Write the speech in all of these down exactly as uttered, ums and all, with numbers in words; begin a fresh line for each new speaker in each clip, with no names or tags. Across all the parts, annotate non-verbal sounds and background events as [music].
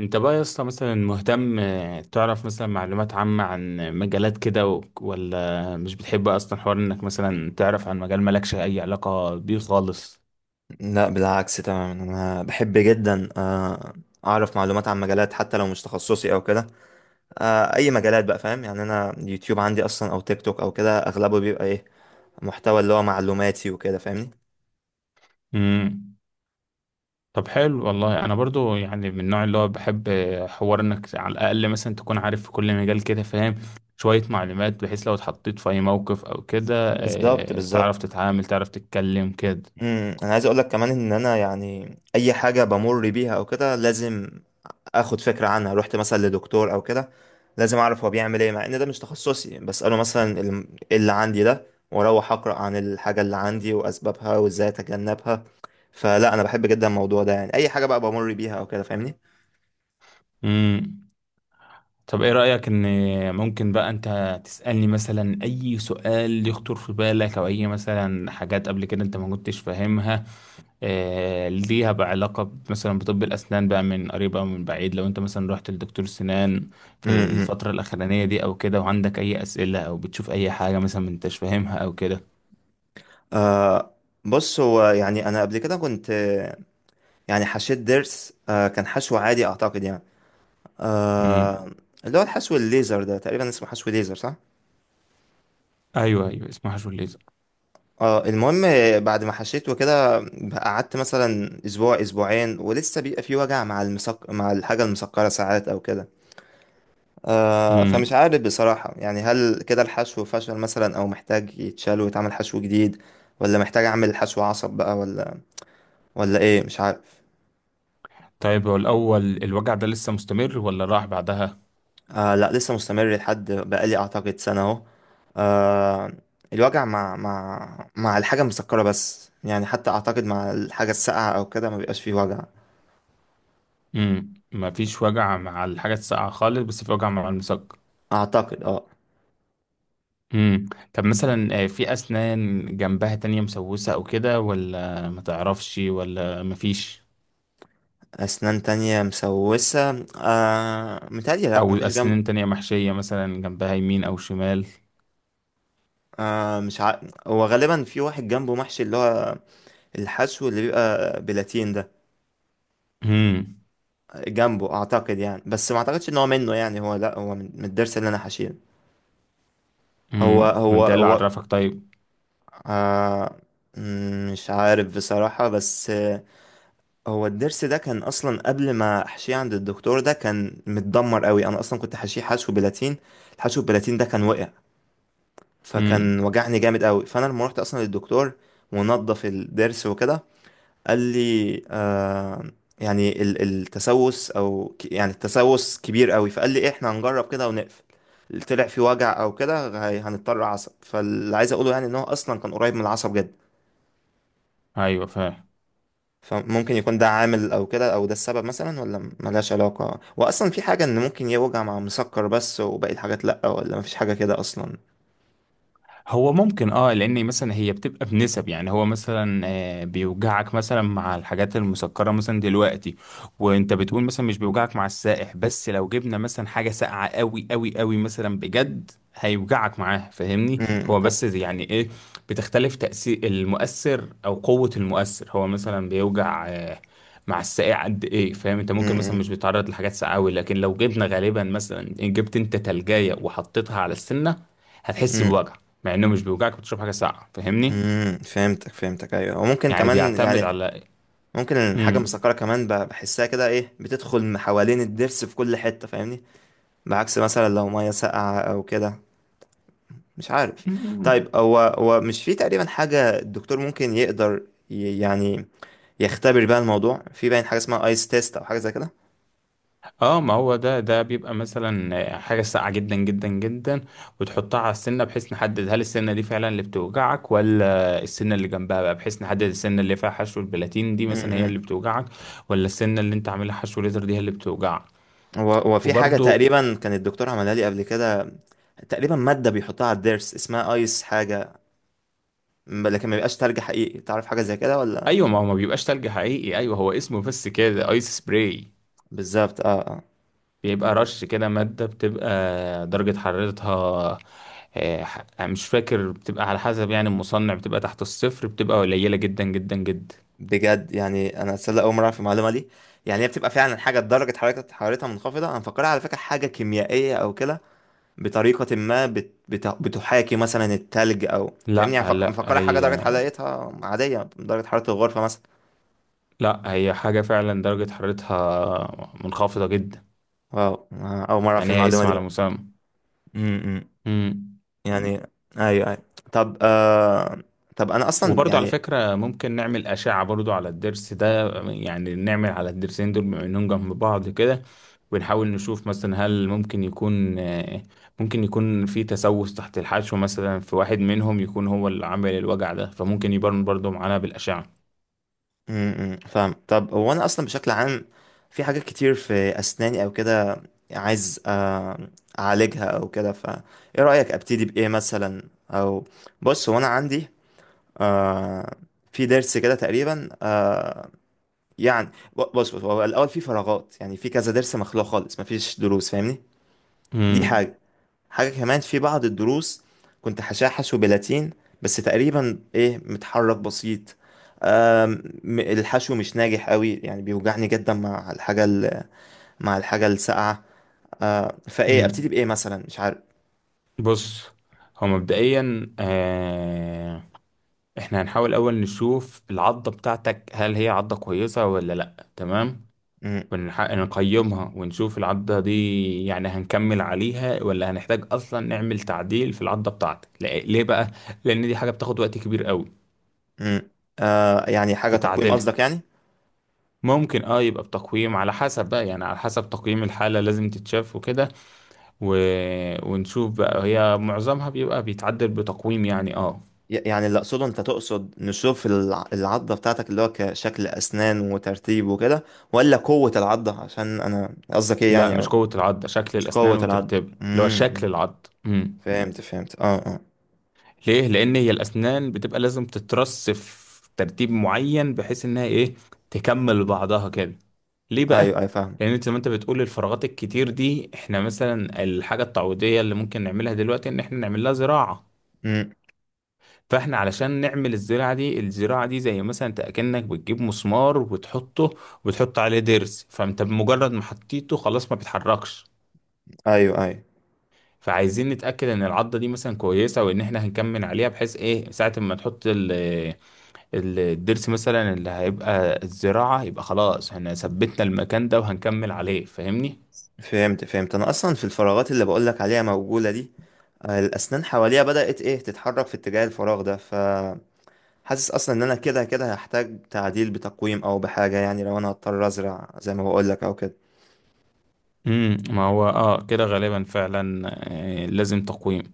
انت بقى يا اسطى مثلا مهتم، آه، تعرف مثلا معلومات عامة عن مجالات كده، و- ولا مش بتحب اصلا حوار انك مثلا تعرف عن مجال مالكش اي علاقة بيه خالص؟
لا، بالعكس تماما، انا بحب جدا، آه، اعرف معلومات عن مجالات حتى لو مش تخصصي او كده. آه، اي مجالات بقى، فاهم؟ يعني انا يوتيوب عندي اصلا او تيك توك او كده، اغلبه بيبقى ايه، محتوى اللي هو معلوماتي وكده، فاهمني؟
امم. طب حلو، والله انا برضو يعني من النوع اللي هو بحب، آه، حوار انك على الاقل مثلا تكون عارف في كل مجال كده، فاهم شوية معلومات بحيث لو اتحطيت في اي موقف او كده،
بالظبط،
آه،
بالظبط.
تعرف تتعامل، تعرف تتكلم كده.
امم انا عايز اقول لك كمان ان انا، يعني اي حاجه بمر بيها او كده لازم اخد فكره عنها. رحت مثلا لدكتور او كده، لازم اعرف هو بيعمل ايه، مع ان ده مش تخصصي، بساله مثلا ال- ايه اللي عندي ده، واروح اقرا عن الحاجه اللي عندي واسبابها وازاي اتجنبها. فلا، انا بحب جدا الموضوع ده، يعني اي حاجه بقى بمر بيها او كده، فاهمني؟
امم. طب ايه رأيك ان ممكن بقى انت تسألني مثلا اي سؤال يخطر في بالك، او اي مثلا حاجات قبل كده انت ما كنتش فاهمها؟ آه ليها بقى علاقة ب- مثلا بطب الاسنان بقى، من قريب او من بعيد؟ لو انت مثلا رحت لدكتور سنان في
امم، امم.
الفترة الاخرانية دي او كده، وعندك اي اسئلة او بتشوف اي حاجة مثلا ما انتش فاهمها او كده؟
آه، بص، هو يعني انا قبل كده كنت آه، يعني حشيت ضرس، آه كان حشو عادي اعتقد، يعني
امم.
آه اللي هو الحشو الليزر ده تقريبا اسمه حشو ليزر، صح؟
ايوه، ايوه، اسمها شو الليزر.
اه المهم، بعد ما حشيته كده قعدت مثلا اسبوع اسبوعين، ولسه بيبقى في وجع مع المسك... مع الحاجة المسكرة، ساعات او كده. آه فمش
امم.
عارف بصراحة، يعني هل كده الحشو فشل مثلا، او محتاج يتشال ويتعمل حشو جديد، ولا محتاج اعمل حشو عصب بقى، ولا ولا ايه، مش عارف.
طيب، هو الاول، الوجع ده لسه مستمر ولا راح بعدها؟
آه، لا، لسه مستمر لحد بقالي اعتقد سنة اهو. آه الوجع مع مع مع الحاجة المسكرة بس، يعني حتى اعتقد مع الحاجة الساقعة او كده ما بيبقاش فيه وجع.
امم. مفيش وجع مع الحاجة الساقعة خالص، بس في وجع مع المسكر.
اعتقد، اه.
امم. طب مثلا، آه، في أسنان جنبها تانية مسوسة أو كده، ولا ما تعرفش، ولا مفيش؟
اسنان تانية مسوسة، آه متهيألي لا،
أو
مفيش جنب.
أسنان تانية محشية مثلا جنبها يمين أو شمال؟
آه مش ع... هو غالبا في واحد جنبه محشي، اللي هو الحشو اللي بيبقى بلاتين ده،
امم.
جنبه اعتقد، يعني. بس ما اعتقدش ان هو منه، يعني هو، لا، هو من من الضرس اللي انا حشيه. هو
امم.
هو
انت إيه اللي
هو
عرفك؟ طيب.
آه مم، مش عارف بصراحة، بس آه، هو الضرس ده كان أصلا قبل ما أحشيه عند الدكتور ده كان متدمر قوي، أنا أصلا كنت حاشيه حشو بلاتين، الحشو بلاتين ده كان وقع، فكان
امم.
وجعني جامد قوي. فأنا لما روحت أصلا للدكتور ونضف الضرس وكده، قال لي آه يعني ال- التسوس أو ك- يعني التسوس كبير قوي، فقال لي إيه، إحنا هنجرب كده ونقفل، طلع في وجع أو كده هي- هنضطر عصب. فاللي عايز أقوله يعني، إن هو أصلا كان قريب من العصب جدا،
أيوة، فاهم.
فممكن يكون ده عامل او كده، او ده السبب مثلا، ولا ملهاش علاقة، واصلا في حاجة ان ممكن يوجع مع مسكر بس وباقي الحاجات لا؟ ولا مفيش حاجة كده اصلا؟
هو ممكن، اه، لان مثلا هي بتبقى بنسب، يعني هو مثلا، آه، بيوجعك مثلا مع الحاجات المسكره مثلا دلوقتي، وانت بتقول مثلا مش بيوجعك مع السائح، بس لو جبنا مثلا حاجه ساقعه قوي قوي قوي، مثلا بجد هيوجعك معاه، فاهمني؟
امم.
هو بس يعني ايه، بتختلف تاثير المؤثر او قوه المؤثر. هو مثلا بيوجع آه، مع الساقع قد ايه، فاهم؟ انت ممكن مثلا
امم.
مش بيتعرض لحاجات ساقعه أوي، لكن لو جبنا غالبا مثلا جبت انت تلجايه وحطيتها على السنه، هتحس
امم.
بوجع، مع انه مش بيوجعك بتشرب حاجه ساقعه، فاهمني؟
امم. فهمتك، فهمتك، ايوه، وممكن
يعني
كمان
بيعتمد
يعني،
على...
ممكن الحاجة
امم.
المسكرة كمان ب- بحسها كده، ايه، بتدخل من حوالين الضرس في كل حتة، فاهمني؟ بعكس مثلا لو مية ساقعة او كده، مش عارف.
أمم. [laughs]
طيب، هو هو مش في تقريبا حاجة الدكتور ممكن يقدر ي- يعني يختبر بقى الموضوع، في باين حاجه اسمها ايس تيست او حاجه زي كده؟
اه، ما هو ده ده بيبقى مثلا حاجه ساقعه جدا جدا جدا، وتحطها على السنه، بحيث نحدد هل السنه دي فعلا اللي بتوجعك، ولا السنه اللي جنبها بقى، بحيث نحدد السنه اللي فيها حشو البلاتين دي مثلا هي اللي
امم.
بتوجعك، ولا السنه اللي انت عاملها حشو ليزر دي هي اللي بتوجعك.
هو هو في حاجه
وبرضو،
تقريبا كان الدكتور عملها لي قبل كده، تقريبا ماده بيحطها على الضرس اسمها ايس حاجه، م- لكن ما بيبقاش تلج حقيقي، تعرف حاجه زي كده ولا؟
ايوه، ما هو ما بيبقاش تلج حقيقي، ايوه، هو اسمه بس كده ايس سبراي.
بالظبط، اه، اه.
بيبقى رش كده، مادة بتبقى درجة حرارتها، آه، ح- مش فاكر، بتبقى على حسب يعني المصنع، بتبقى تحت الصفر، بتبقى قليلة جدا جدا جدا.
بجد، يعني انا اتصدق اول مره في المعلومه دي، يعني هي بتبقى فعلا حاجه درجه حرارتها حرارتها منخفضه، انا مفكرها على فكره حاجه كيميائيه او كده، بطريقه ما بت... بت... بتحاكي مثلا التلج، او فاهمني يعني،
لا،
مفك-
لا،
مفكرها حاجه درجه
هي،
حرارتها عاديه، درجه حراره الغرفه مثلا.
لا، هي حاجة فعلا درجة حرارتها منخفضة جدا.
واو، آه، أول مرة أعرف
يعني هي
المعلومة
اسم
دي
على
بقى.
مسمى.
امم.
مم.
يعني، أيوه، أيوه، طب آه... طب أنا أصلا
وبرضو على
يعني
فكرة، ممكن نعمل أشعة برضو على الضرس ده، يعني نعمل على الضرسين دول بما إنهم جنب بعض كده، ونحاول نشوف مثلا هل ممكن يكون، آه، ممكن يكون في تسوس تحت الحشو، مثلا في واحد منهم يكون هو اللي عامل الوجع ده، فممكن يبان برضو معانا بالأشعة.
م- م، فاهم. طب هو أنا أصلا بشكل عام في حاجات كتير في أسناني أو كده، عايز آه... أعالجها أو كده، فإيه رأيك؟ أبتدي بإيه مثلا، أو بص، هو أنا عندي آه... في ضرس كده تقريبا، آه... يعني ب- بص، بص، هو الأول في فراغات، يعني في كذا ضرس مخلوع خالص مفيش ضروس، فاهمني؟ دي
مم.
حاجة، حاجة كمان في بعض الدروس كنت هشحش وبلاتين، بس تقريبا ايه، متحرك بسيط، آم، م- الحشو مش ناجح قوي، يعني بيوجعني جدا مع الحاجة ال- مع الحاجة الساقعة. آه، فايه، ابتدي
مم.
بايه مثلا، مش عارف.
بص، هو مبدئيا، آه، احنا هنحاول أول نشوف العضة بتاعتك، هل هي عضة كويسة ولا لأ؟ تمام.
مم،
ونح- نقيمها ونشوف العضة دي، يعني هنكمل عليها ولا هنحتاج أصلا نعمل تعديل في العضة بتاعتك؟ ليه ليه بقى؟ لأن دي حاجة بتاخد وقت كبير قوي
مم. آه، يعني حاجة
في
تقويم
تعديلها.
قصدك يعني؟
ممكن، اه، يبقى بتقييم، على حسب بقى يعني، على حسب تقييم الحالة لازم تتشاف وكده، و... ونشوف بقى هي معظمها بيبقى بيتعدل بتقويم، يعني اه.
ي- يعني اللي اقصده، انت تقصد نشوف الع- العضة بتاعتك اللي هو كشكل اسنان وترتيب وكده، ولا قوة العضة؟ عشان انا قصدك ايه
لا،
يعني،
مش
أو
قوة العضة، شكل
مش
الأسنان
قوة العضة؟
وترتيبها، اللي هو
مم،
شكل
مم.
العضة. مم.
فهمت، فهمت، اه، اه.
ليه؟ لأن هي الأسنان بتبقى لازم تترص في ترتيب معين، بحيث إنها إيه، تكمل بعضها كده. ليه بقى؟
ايوه، ايوه، فاهم.
لأن أنت زي ما أنت بتقول الفراغات الكتير دي، إحنا مثلا الحاجة التعويضية اللي ممكن نعملها دلوقتي إن إحنا نعمل لها زراعة.
امم.
فإحنا علشان نعمل الزراعة دي، الزراعة دي زي مثلا أنت أكنك بتجيب مسمار وتحطه، وتحط عليه ضرس، فأنت بمجرد ما حطيته خلاص ما بيتحركش.
ايوه، ايوه،
فعايزين نتأكد إن العضة دي مثلا كويسة، وإن إحنا هنكمل عليها، بحيث إيه ساعة ما تحط ال ال الضرس مثلا اللي هيبقى الزراعة، يبقى خلاص احنا ثبتنا المكان ده وهنكمل عليه، فاهمني.
فهمت، فهمت، انا اصلا في الفراغات اللي بقولك عليها موجوده دي، آه، الاسنان حواليها بدات ايه تتحرك في اتجاه الفراغ ده، فحاسس اصلا ان انا كده كده هحتاج تعديل بتقويم او بحاجه، يعني لو انا هضطر ازرع زي ما بقولك او كده.
امم. ما هو اه كده غالبا فعلا، آه، لازم تقويم.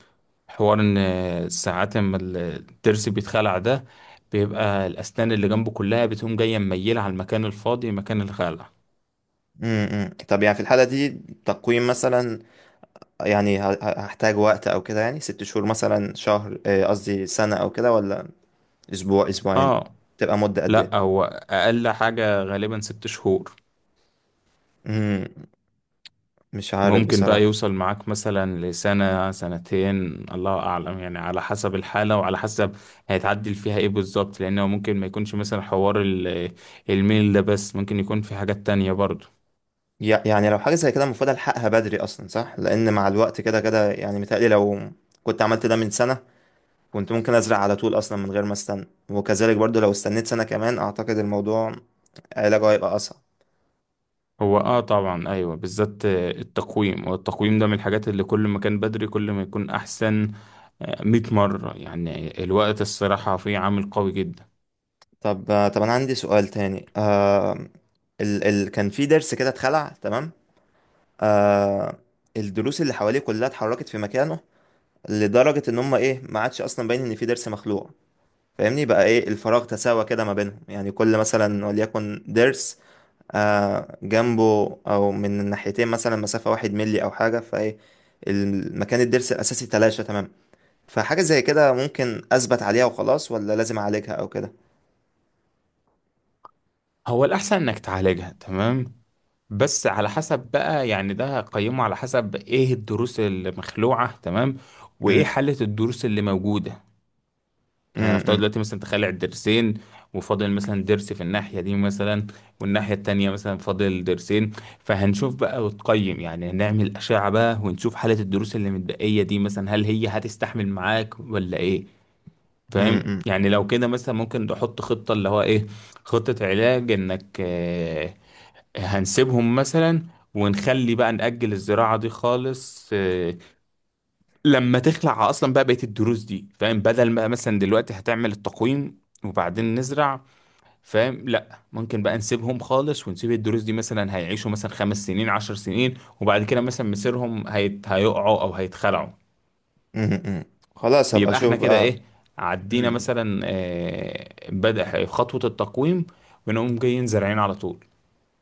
حوار ان، آه، ساعات اما الضرس بيتخلع ده، بيبقى الاسنان اللي جنبه كلها بتقوم جايه مميله على المكان الفاضي، مكان الخلع.
امم. طب يعني في الحاله دي، تقويم مثلا، يعني ه- ه- هحتاج وقت او كده، يعني ست شهور مثلا، شهر آه، قصدي سنه او كده، ولا اسبوع اسبوعين،
اه،
تبقى مده قد ايه؟
لا، هو اقل حاجه غالبا ست شهور.
امم، مش عارف
ممكن بقى
بصراحه.
يوصل معاك مثلا لسنة سنتين. الله أعلم، يعني على حسب الحالة وعلى حسب هيتعدل فيها إيه بالظبط، لأنه ممكن ما يكونش مثلا حوار ال- الميل ده بس، ممكن يكون في حاجات تانية برضه.
يع- يعني لو حاجة زي كده المفروض ألحقها بدري أصلا، صح؟ لأن مع الوقت كده كده، يعني متهيألي لو كنت عملت ده من سنة كنت ممكن أزرع على طول أصلا من غير ما أستنى، وكذلك برضو لو استنيت سنة كمان، أعتقد الموضوع علاجه هيبقى أصعب.
هو آه طبعا، أيوة، بالذات، آه، التقويم. والتقويم ده من الحاجات اللي كل ما كان بدري كل ما يكون أحسن، آه، مية مرة. يعني الوقت الصراحة فيه عامل قوي جدا.
طب آه، طب أنا عندي سؤال تاني، آه ال ال كان في ضرس كده اتخلع، تمام؟ آه الضروس اللي حواليه كلها اتحركت في مكانه، لدرجة إن هما إيه، ما عادش أصلا باين إن في ضرس مخلوع، فاهمني بقى؟ إيه، الفراغ تساوى كده ما بينهم، يعني كل مثلا وليكن ضرس آه، جنبه، او من الناحيتين مثلا، مسافة واحد ملي او حاجة، فايه المكان الضرس الاساسي تلاشى تمام، فحاجة زي كده ممكن اثبت عليها وخلاص، ولا لازم اعالجها او كده؟
هو الأحسن إنك تعالجها. تمام. بس على حسب بقى يعني، ده هقيمه على حسب ايه الدروس المخلوعة، تمام، وايه
مم،
حالة الدروس اللي موجودة. يعني
مم،
نفترض
مم،
دلوقتي مثلا تخلع الدرسين، وفاضل مثلا درس في الناحية دي مثلا، والناحية التانية مثلا فاضل درسين. فهنشوف بقى وتقيم، يعني هنعمل أشعة بقى ونشوف حالة الدروس اللي متبقية دي مثلا، هل هي هتستحمل معاك ولا ايه؟ فاهم؟
مم،
يعني لو كده مثلا ممكن نحط خطة اللي هو ايه، خطة علاج انك، آه، هنسيبهم مثلا، ونخلي بقى نأجل الزراعة دي خالص، آه، لما تخلع أصلا بقى بقية الدروس دي، فاهم؟ بدل ما مثلا دلوقتي هتعمل التقويم وبعدين نزرع، فاهم؟ لا، ممكن بقى نسيبهم خالص، ونسيب الدروس دي مثلا هيعيشوا مثلا خمس سنين عشر سنين، وبعد كده مثلا مصيرهم هيت... هيقعوا أو هيتخلعوا.
مم، مم، مم. خلاص، هبقى
بيبقى احنا
اشوف
كده
بقى.
ايه، عدينا
مم.
مثلا، آه، بدأ خطوة التقويم، ونقوم جايين زارعين على طول.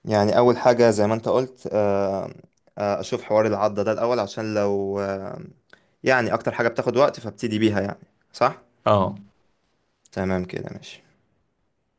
يعني اول حاجة زي ما انت قلت، آه، آه، اشوف حوار العضة ده الاول، عشان لو آه، يعني اكتر حاجة بتاخد وقت، فابتدي بيها يعني، صح؟
اه.
تمام كده، ماشي.